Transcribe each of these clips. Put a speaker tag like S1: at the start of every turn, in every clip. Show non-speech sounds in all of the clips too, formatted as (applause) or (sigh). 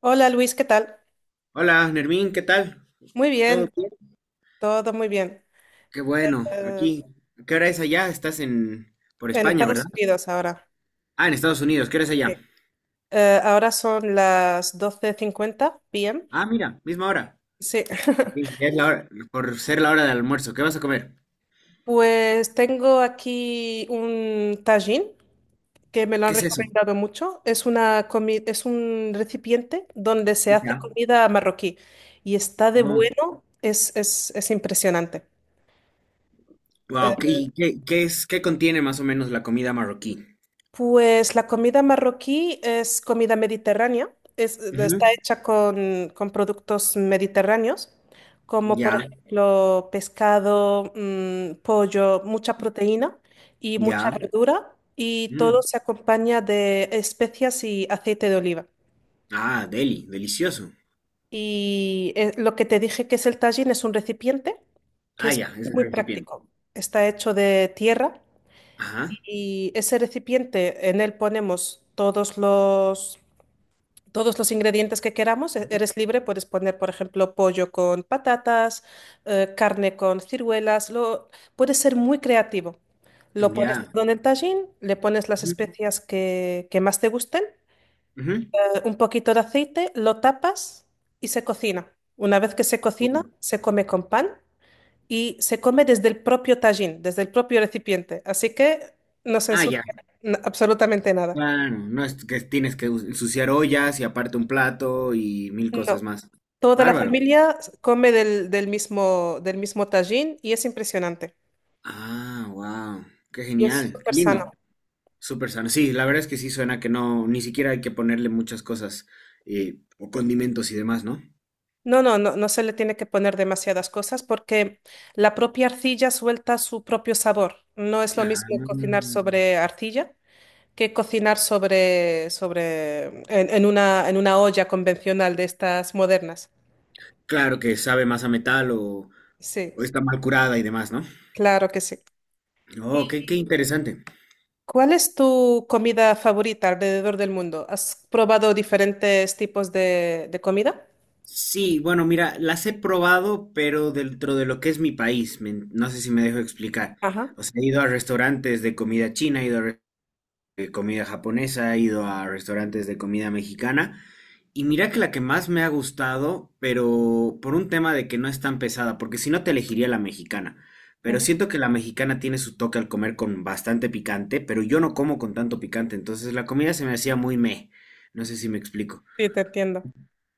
S1: Hola Luis, ¿qué tal?
S2: Hola, Nermín, ¿qué tal?
S1: Muy
S2: ¿Todo
S1: bien,
S2: bien?
S1: todo muy bien.
S2: Qué bueno,
S1: Eh,
S2: aquí. ¿Qué hora es allá? Estás en... por
S1: en
S2: España, ¿verdad?
S1: Estados Unidos ahora.
S2: Ah, en Estados Unidos, ¿qué hora es
S1: Sí.
S2: allá?
S1: Ahora son las 12:50 p.m.
S2: Ah, mira, misma hora.
S1: Sí.
S2: Sí,
S1: (laughs)
S2: ya es la hora, por ser la hora del almuerzo. ¿Qué vas a comer?
S1: Pues tengo aquí un tajín que me lo
S2: ¿Qué
S1: han
S2: es eso?
S1: recomendado mucho. Es un recipiente donde se hace
S2: Ya.
S1: comida marroquí, y está de
S2: Oh,
S1: bueno, es impresionante.
S2: wow, ¿qué,
S1: Eh,
S2: y qué, qué es, qué contiene más o menos la comida marroquí?
S1: Pues la comida marroquí es comida mediterránea, está
S2: Ujú,
S1: hecha con productos mediterráneos, como por
S2: ya,
S1: ejemplo pescado, pollo, mucha proteína y mucha
S2: ya.
S1: verdura, y todo
S2: Mm.
S1: se acompaña de especias y aceite de oliva.
S2: Ah, delicioso.
S1: Y lo que te dije que es el tajín es un recipiente que
S2: Ah,
S1: es
S2: ya, es el
S1: muy
S2: recipiente.
S1: práctico. Está hecho de tierra,
S2: Ajá,
S1: y ese recipiente, en él ponemos todos los ingredientes que queramos. Eres libre, puedes poner, por ejemplo, pollo con patatas, carne con ciruelas. Puedes ser muy creativo. Lo pones
S2: ya.
S1: todo en el tajín, le pones las
S2: Ujú,
S1: especias que más te gusten,
S2: ujú.
S1: un poquito de aceite, lo tapas y se cocina. Una vez que se cocina,
S2: Uh,
S1: se come con pan y se come desde el propio tajín, desde el propio recipiente. Así que no se
S2: Ah, ya.
S1: ensucia absolutamente nada.
S2: Claro, no es que tienes que ensuciar ollas y aparte un plato y mil cosas
S1: No.
S2: más.
S1: Toda la
S2: Bárbaro.
S1: familia come del mismo tajín, y es impresionante.
S2: Ah, wow. Qué
S1: Y es
S2: genial. Qué
S1: súper
S2: lindo.
S1: sano.
S2: Súper sano. Sí, la verdad es que sí suena que no, ni siquiera hay que ponerle muchas cosas o condimentos y demás, ¿no?
S1: No, no se le tiene que poner demasiadas cosas porque la propia arcilla suelta su propio sabor. No es lo
S2: Ah,
S1: mismo cocinar sobre arcilla que cocinar en una olla convencional de estas modernas.
S2: claro que sabe más a metal o
S1: Sí,
S2: está mal curada y demás, ¿no?
S1: claro que sí.
S2: Oh, qué
S1: ¿Y
S2: interesante.
S1: cuál es tu comida favorita alrededor del mundo? ¿Has probado diferentes tipos de comida?
S2: Sí, bueno, mira, las he probado, pero dentro de lo que es mi país, me no sé si me dejo explicar.
S1: Ajá.
S2: O sea, he ido a restaurantes de comida china, he ido a re- de comida japonesa, he ido a restaurantes de comida mexicana, y mira que la que más me ha gustado, pero por un tema de que no es tan pesada, porque si no te elegiría la mexicana. Pero
S1: Ujú,
S2: siento que la mexicana tiene su toque al comer con bastante picante, pero yo no como con tanto picante, entonces la comida se me hacía muy meh. No sé si me explico.
S1: sí, te entiendo.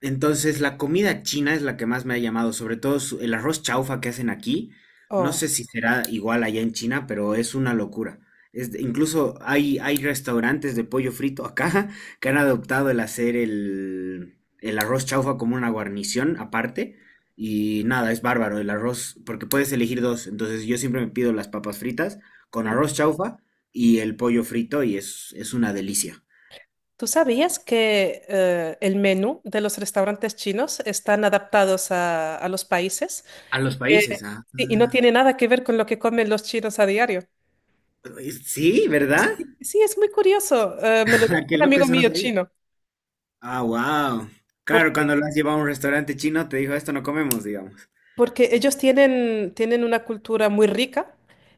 S2: Entonces, la comida china es la que más me ha llamado, sobre todo el arroz chaufa que hacen aquí. No
S1: Oh.
S2: sé si será igual allá en China, pero es una locura. Incluso hay restaurantes de pollo frito acá (laughs) que han adoptado el hacer el arroz chaufa como una guarnición aparte. Y nada, es bárbaro el arroz, porque puedes elegir dos. Entonces, yo siempre me pido las papas fritas con
S1: Mm.
S2: arroz chaufa y el pollo frito, y es una delicia.
S1: ¿Tú sabías que el menú de los restaurantes chinos están adaptados a los países,
S2: A
S1: y
S2: los países,
S1: que-
S2: ah.
S1: y no tiene nada que ver con lo que comen los chinos a diario?
S2: Sí, ¿verdad?
S1: Sí, es muy curioso. Me lo dijo
S2: Ah, qué
S1: un
S2: loco,
S1: amigo
S2: eso no
S1: mío
S2: sabía.
S1: chino,
S2: Ah, wow. Claro, cuando
S1: porque,
S2: lo has llevado a un restaurante chino, te dijo, esto no comemos, digamos.
S1: porque ellos tienen una cultura muy rica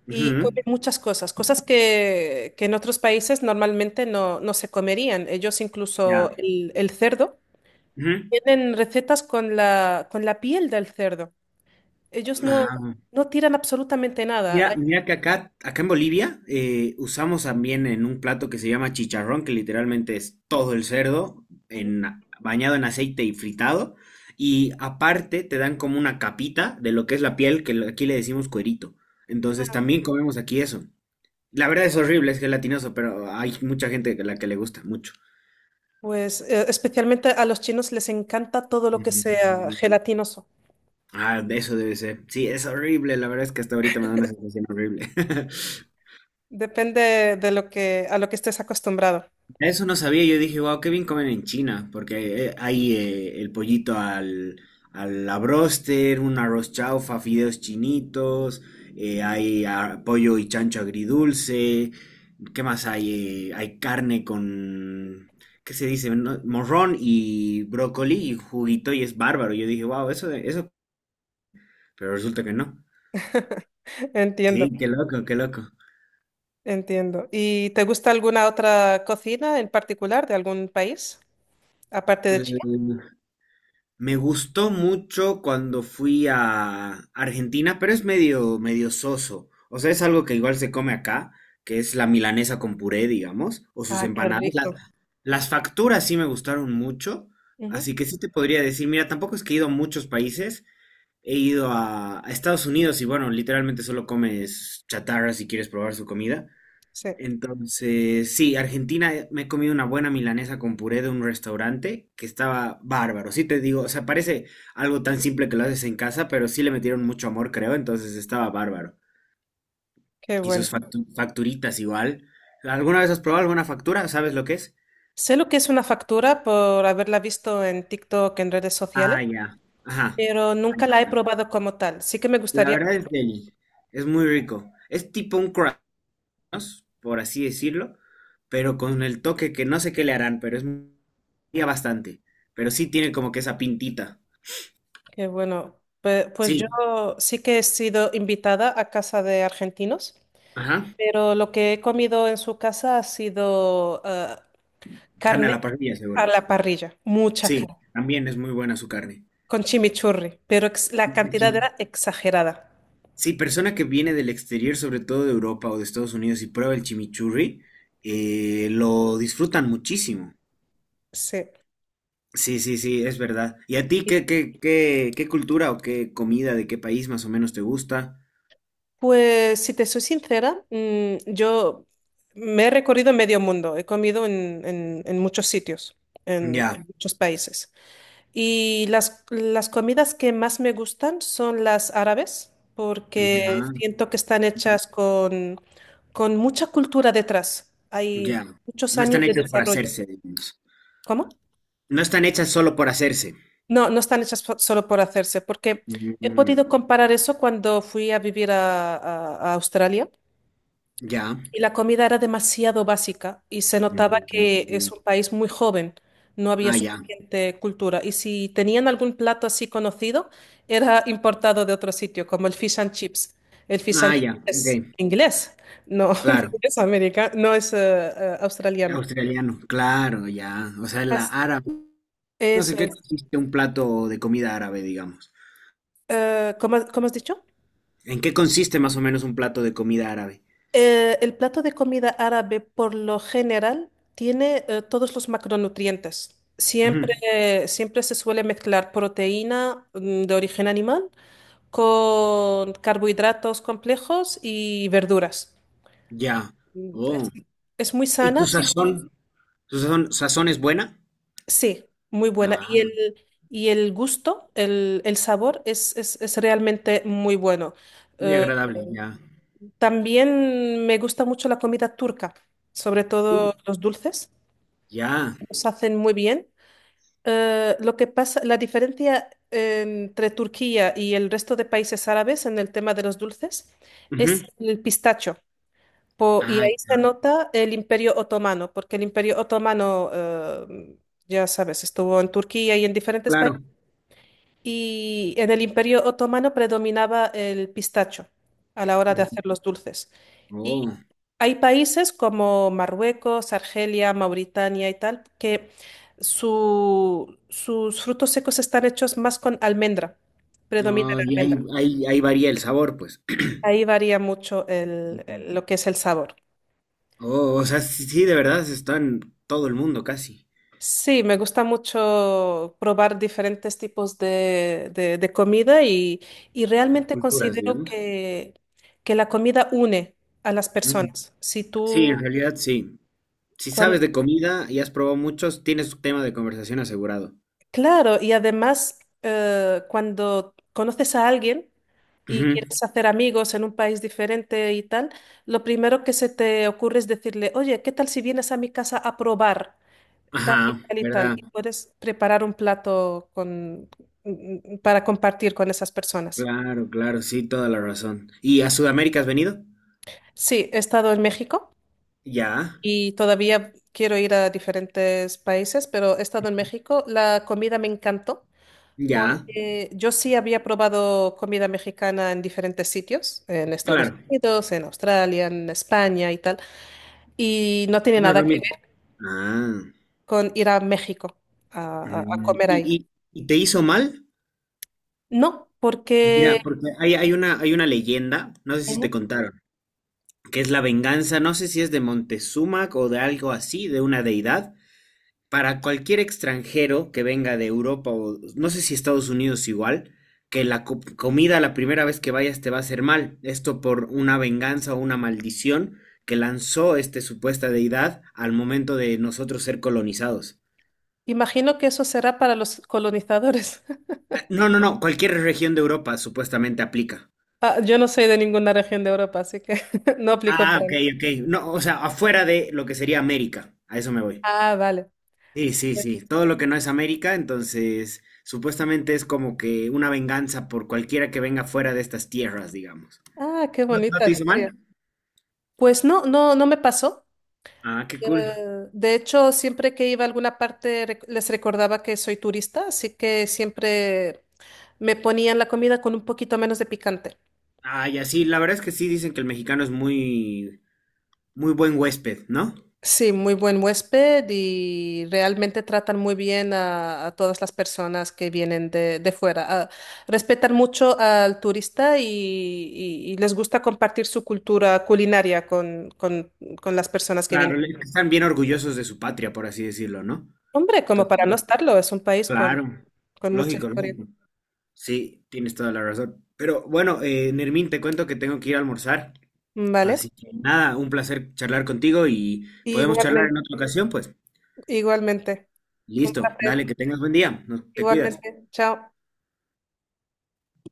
S1: y
S2: Ujú,
S1: comen muchas cosas, cosas que en otros países normalmente no se comerían. Ellos incluso
S2: ya.
S1: el cerdo.
S2: Ujú.
S1: Tienen recetas con con la piel del cerdo. Ellos no,
S2: Ah,
S1: No tiran absolutamente nada.
S2: mira,
S1: Hay...
S2: mira que acá en Bolivia usamos también en un plato que se llama chicharrón, que literalmente es todo el cerdo
S1: Ujú.
S2: en, bañado en aceite y fritado. Y aparte te dan como una capita de lo que es la piel, aquí le decimos cuerito. Entonces también comemos aquí eso. La verdad es horrible, es gelatinoso, pero hay mucha gente a la que le gusta mucho.
S1: Pues especialmente a los chinos les encanta todo lo que sea
S2: Mm,
S1: gelatinoso.
S2: ah, de eso debe ser. Sí, es horrible. La verdad es que hasta ahorita me da una sensación horrible. (laughs)
S1: Depende de lo que, a lo que estés acostumbrado.
S2: Eso no sabía. Yo dije, wow, qué bien comen en China. Porque hay el pollito al, al la broster, un arroz chaufa, fideos chinitos. Pollo y chancho agridulce. ¿Qué más hay? Hay carne con. ¿Qué se dice? No, morrón y brócoli y juguito y es bárbaro. Yo dije, wow, eso, eso. Pero resulta que no.
S1: (laughs) Entiendo,
S2: Sí, qué loco, qué loco.
S1: entiendo. ¿Y te gusta alguna otra cocina en particular de algún país, aparte de China?
S2: Eh, Me gustó mucho cuando fui a Argentina, pero es medio, medio soso. O sea, es algo que igual se come acá, que es la milanesa con puré, digamos, o sus
S1: Ah, qué
S2: empanadas.
S1: rico.
S2: Las facturas sí me gustaron mucho,
S1: Ujú,
S2: así que sí te podría decir, mira, tampoco es que he ido a muchos países, he ido a Estados Unidos y bueno, literalmente solo comes chatarra si quieres probar su comida.
S1: sí,
S2: Entonces, sí, Argentina, me he comido una buena milanesa con puré de un restaurante que estaba bárbaro. Sí te digo, o sea, parece algo tan simple que lo haces en casa, pero sí le metieron mucho amor, creo, entonces estaba bárbaro.
S1: qué
S2: Y
S1: bueno.
S2: sus facturitas igual. ¿Alguna vez has probado alguna factura? ¿Sabes lo que es?
S1: Sé lo que es una factura por haberla visto en TikTok, en redes
S2: Ah,
S1: sociales.
S2: ya. Ajá.
S1: Pero nunca la he probado como tal. Sí que me
S2: La
S1: gustaría.
S2: verdad es deli. Es muy rico. Es tipo un crust, por así decirlo, pero con el toque que no sé qué le harán, pero es varía bastante. Pero sí tiene como que esa pintita.
S1: Que bueno, pues, yo
S2: Sí,
S1: sí que he sido invitada a casa de argentinos,
S2: ajá.
S1: pero lo que he comido en su casa ha sido
S2: Carne a
S1: carne
S2: la parrilla, seguro.
S1: a la parrilla, mucha
S2: Sí,
S1: carne,
S2: también es muy buena su carne.
S1: con chimichurri, pero la
S2: El
S1: cantidad era exagerada.
S2: sí, persona que viene del exterior, sobre todo de Europa o de Estados Unidos, y prueba el chimichurri, lo disfrutan muchísimo.
S1: Sí.
S2: Sí, sí, sí, es verdad. ¿Y a ti
S1: Y,
S2: qué cultura o qué comida de qué país más o menos te gusta?
S1: Pues si te soy sincera, yo me he recorrido medio mundo, he comido en muchos sitios, en
S2: Ya,
S1: muchos países. Y las comidas que más me gustan son las árabes, porque
S2: ya.
S1: siento que están hechas con mucha cultura detrás. Hay
S2: Ya.
S1: muchos
S2: No
S1: años
S2: están
S1: de
S2: hechas por
S1: desarrollo.
S2: hacerse, digamos.
S1: ¿Cómo?
S2: No están hechas solo por hacerse.
S1: No, no están hechas solo por hacerse, porque he
S2: Mm,
S1: podido comparar eso cuando fui a vivir a, a Australia.
S2: ya.
S1: Y la comida era demasiado básica y se notaba que es
S2: Mm,
S1: un país muy joven, no había
S2: ah, ya.
S1: suficiente cultura. Y si tenían algún plato así conocido, era importado de otro sitio, como el fish and chips. El fish and
S2: Ah,
S1: chips
S2: ya. Ok,
S1: es inglés, no (laughs)
S2: claro.
S1: no es americano, no es australiano.
S2: Australiano, claro, ya. O sea, la
S1: As-
S2: árabe. No
S1: Eso
S2: sé qué
S1: es.
S2: consiste un plato de comida árabe, digamos.
S1: ¿Cómo has dicho?
S2: ¿En qué consiste más o menos un plato de comida árabe?
S1: El plato de comida árabe por lo general tiene todos los macronutrientes.
S2: Ujú,
S1: Siempre, siempre se suele mezclar proteína de origen animal con carbohidratos complejos y verduras.
S2: ya.
S1: Mm,
S2: Oh.
S1: Es, es muy
S2: ¿Y tu
S1: sana, sí,
S2: sazón? ¿Tu sazón, sazón es buena?
S1: sí, muy buena.
S2: Ah,
S1: Y el gusto, el sabor es, es realmente muy bueno.
S2: muy
S1: Eh,
S2: agradable, ya.
S1: También me gusta mucho la comida turca, sobre
S2: Uh,
S1: todo los dulces.
S2: ya.
S1: Los hacen muy bien. Lo que pasa, la diferencia entre Turquía y el resto de países árabes en el tema de los dulces
S2: Ujú.
S1: es el pistacho. Y
S2: Ah,
S1: ahí se
S2: ya,
S1: nota el Imperio Otomano, porque el Imperio Otomano, ya sabes, estuvo en Turquía y en diferentes países.
S2: claro.
S1: Y en el Imperio Otomano predominaba el pistacho a la hora de hacer los dulces. Y
S2: Oh,
S1: hay países como Marruecos, Argelia, Mauritania y tal, que sus frutos secos están hechos más con almendra. Predomina
S2: ah,
S1: la
S2: y
S1: almendra.
S2: ahí varía el sabor, pues.
S1: Ahí varía mucho
S2: Ujú.
S1: lo que es el sabor.
S2: Oh, o sea, sí, sí, de verdad está en todo el mundo casi.
S1: Sí, me gusta mucho probar diferentes tipos de, de comida, y
S2: Y
S1: realmente
S2: culturas,
S1: considero
S2: digamos.
S1: que la comida une a las
S2: Ujú.
S1: personas. Si
S2: Sí, en
S1: tú,
S2: realidad sí. Si
S1: cuan-
S2: sabes de comida y has probado muchos, tienes tu tema de conversación asegurado.
S1: claro, y además cuando conoces a alguien y
S2: Ujú.
S1: quieres hacer amigos en un país diferente y tal, lo primero que se te ocurre es decirle: oye, ¿qué tal si vienes a mi casa a probar tal y
S2: Ajá,
S1: tal y tal?
S2: ¿verdad?
S1: Y puedes preparar un plato con, para compartir con esas personas.
S2: Claro, claro, sí, toda la razón. ¿Y a Sudamérica has venido?
S1: Sí, he estado en México,
S2: Ya,
S1: y todavía quiero ir a diferentes países, pero he estado en México. La comida me encantó,
S2: ya,
S1: porque yo sí había probado comida mexicana en diferentes sitios, en Estados
S2: claro,
S1: Unidos, en Australia, en España y tal, y no tiene
S2: no es
S1: nada
S2: lo
S1: que
S2: mismo.
S1: ver
S2: Ah,
S1: con ir a México a, a
S2: mm,
S1: comer ahí.
S2: ¿y, te hizo mal?
S1: No,
S2: Pues
S1: porque...
S2: mira, porque hay una leyenda, no sé si te
S1: Ujú.
S2: contaron, que es la venganza, no sé si es de Montezuma o de algo así, de una deidad, para cualquier extranjero que venga de Europa o no sé si Estados Unidos igual, que la comida la primera vez que vayas te va a hacer mal. Esto por una venganza o una maldición que lanzó esta supuesta deidad al momento de nosotros ser colonizados.
S1: Imagino que eso será para los colonizadores. (laughs)
S2: No, no, no, cualquier región de Europa supuestamente aplica.
S1: Ah, yo no soy de ninguna región de Europa, así que (laughs) no aplico
S2: Ah,
S1: para
S2: ok,
S1: mí.
S2: ok. No, o sea, afuera de lo que sería América. A eso me voy.
S1: Ah, vale.
S2: Sí, sí, sí. Todo lo que no es América, entonces supuestamente es como que una venganza por cualquiera que venga fuera de estas tierras, digamos.
S1: Ah, qué
S2: ¿No, no
S1: bonita
S2: te hizo
S1: historia.
S2: mal?
S1: Pues no, no, no me pasó.
S2: Ah, qué
S1: Eh,
S2: cool.
S1: de hecho, siempre que iba a alguna parte les recordaba que soy turista, así que siempre me ponían la comida con un poquito menos de picante.
S2: Ah, ya sí, la verdad es que sí dicen que el mexicano es muy, muy buen huésped, ¿no?
S1: Sí, muy buen huésped, y realmente tratan muy bien a todas las personas que vienen de fuera. Ah, respetan mucho al turista, y les gusta compartir su cultura culinaria con las personas que
S2: Claro,
S1: vienen.
S2: están bien orgullosos de su patria, por así decirlo, ¿no?
S1: Hombre, como
S2: Entonces,
S1: para no
S2: pues,
S1: estarlo, es un país
S2: claro,
S1: con mucha
S2: lógico,
S1: historia.
S2: lógico. Sí, tienes toda la razón. Pero bueno, Nermín, te cuento que tengo que ir a almorzar.
S1: Vale,
S2: Así que nada, un placer charlar contigo y podemos charlar
S1: igualmente,
S2: en otra ocasión, pues.
S1: igualmente. Un
S2: Listo, dale,
S1: placer,
S2: que tengas buen día. Te cuidas.
S1: igualmente. Chao.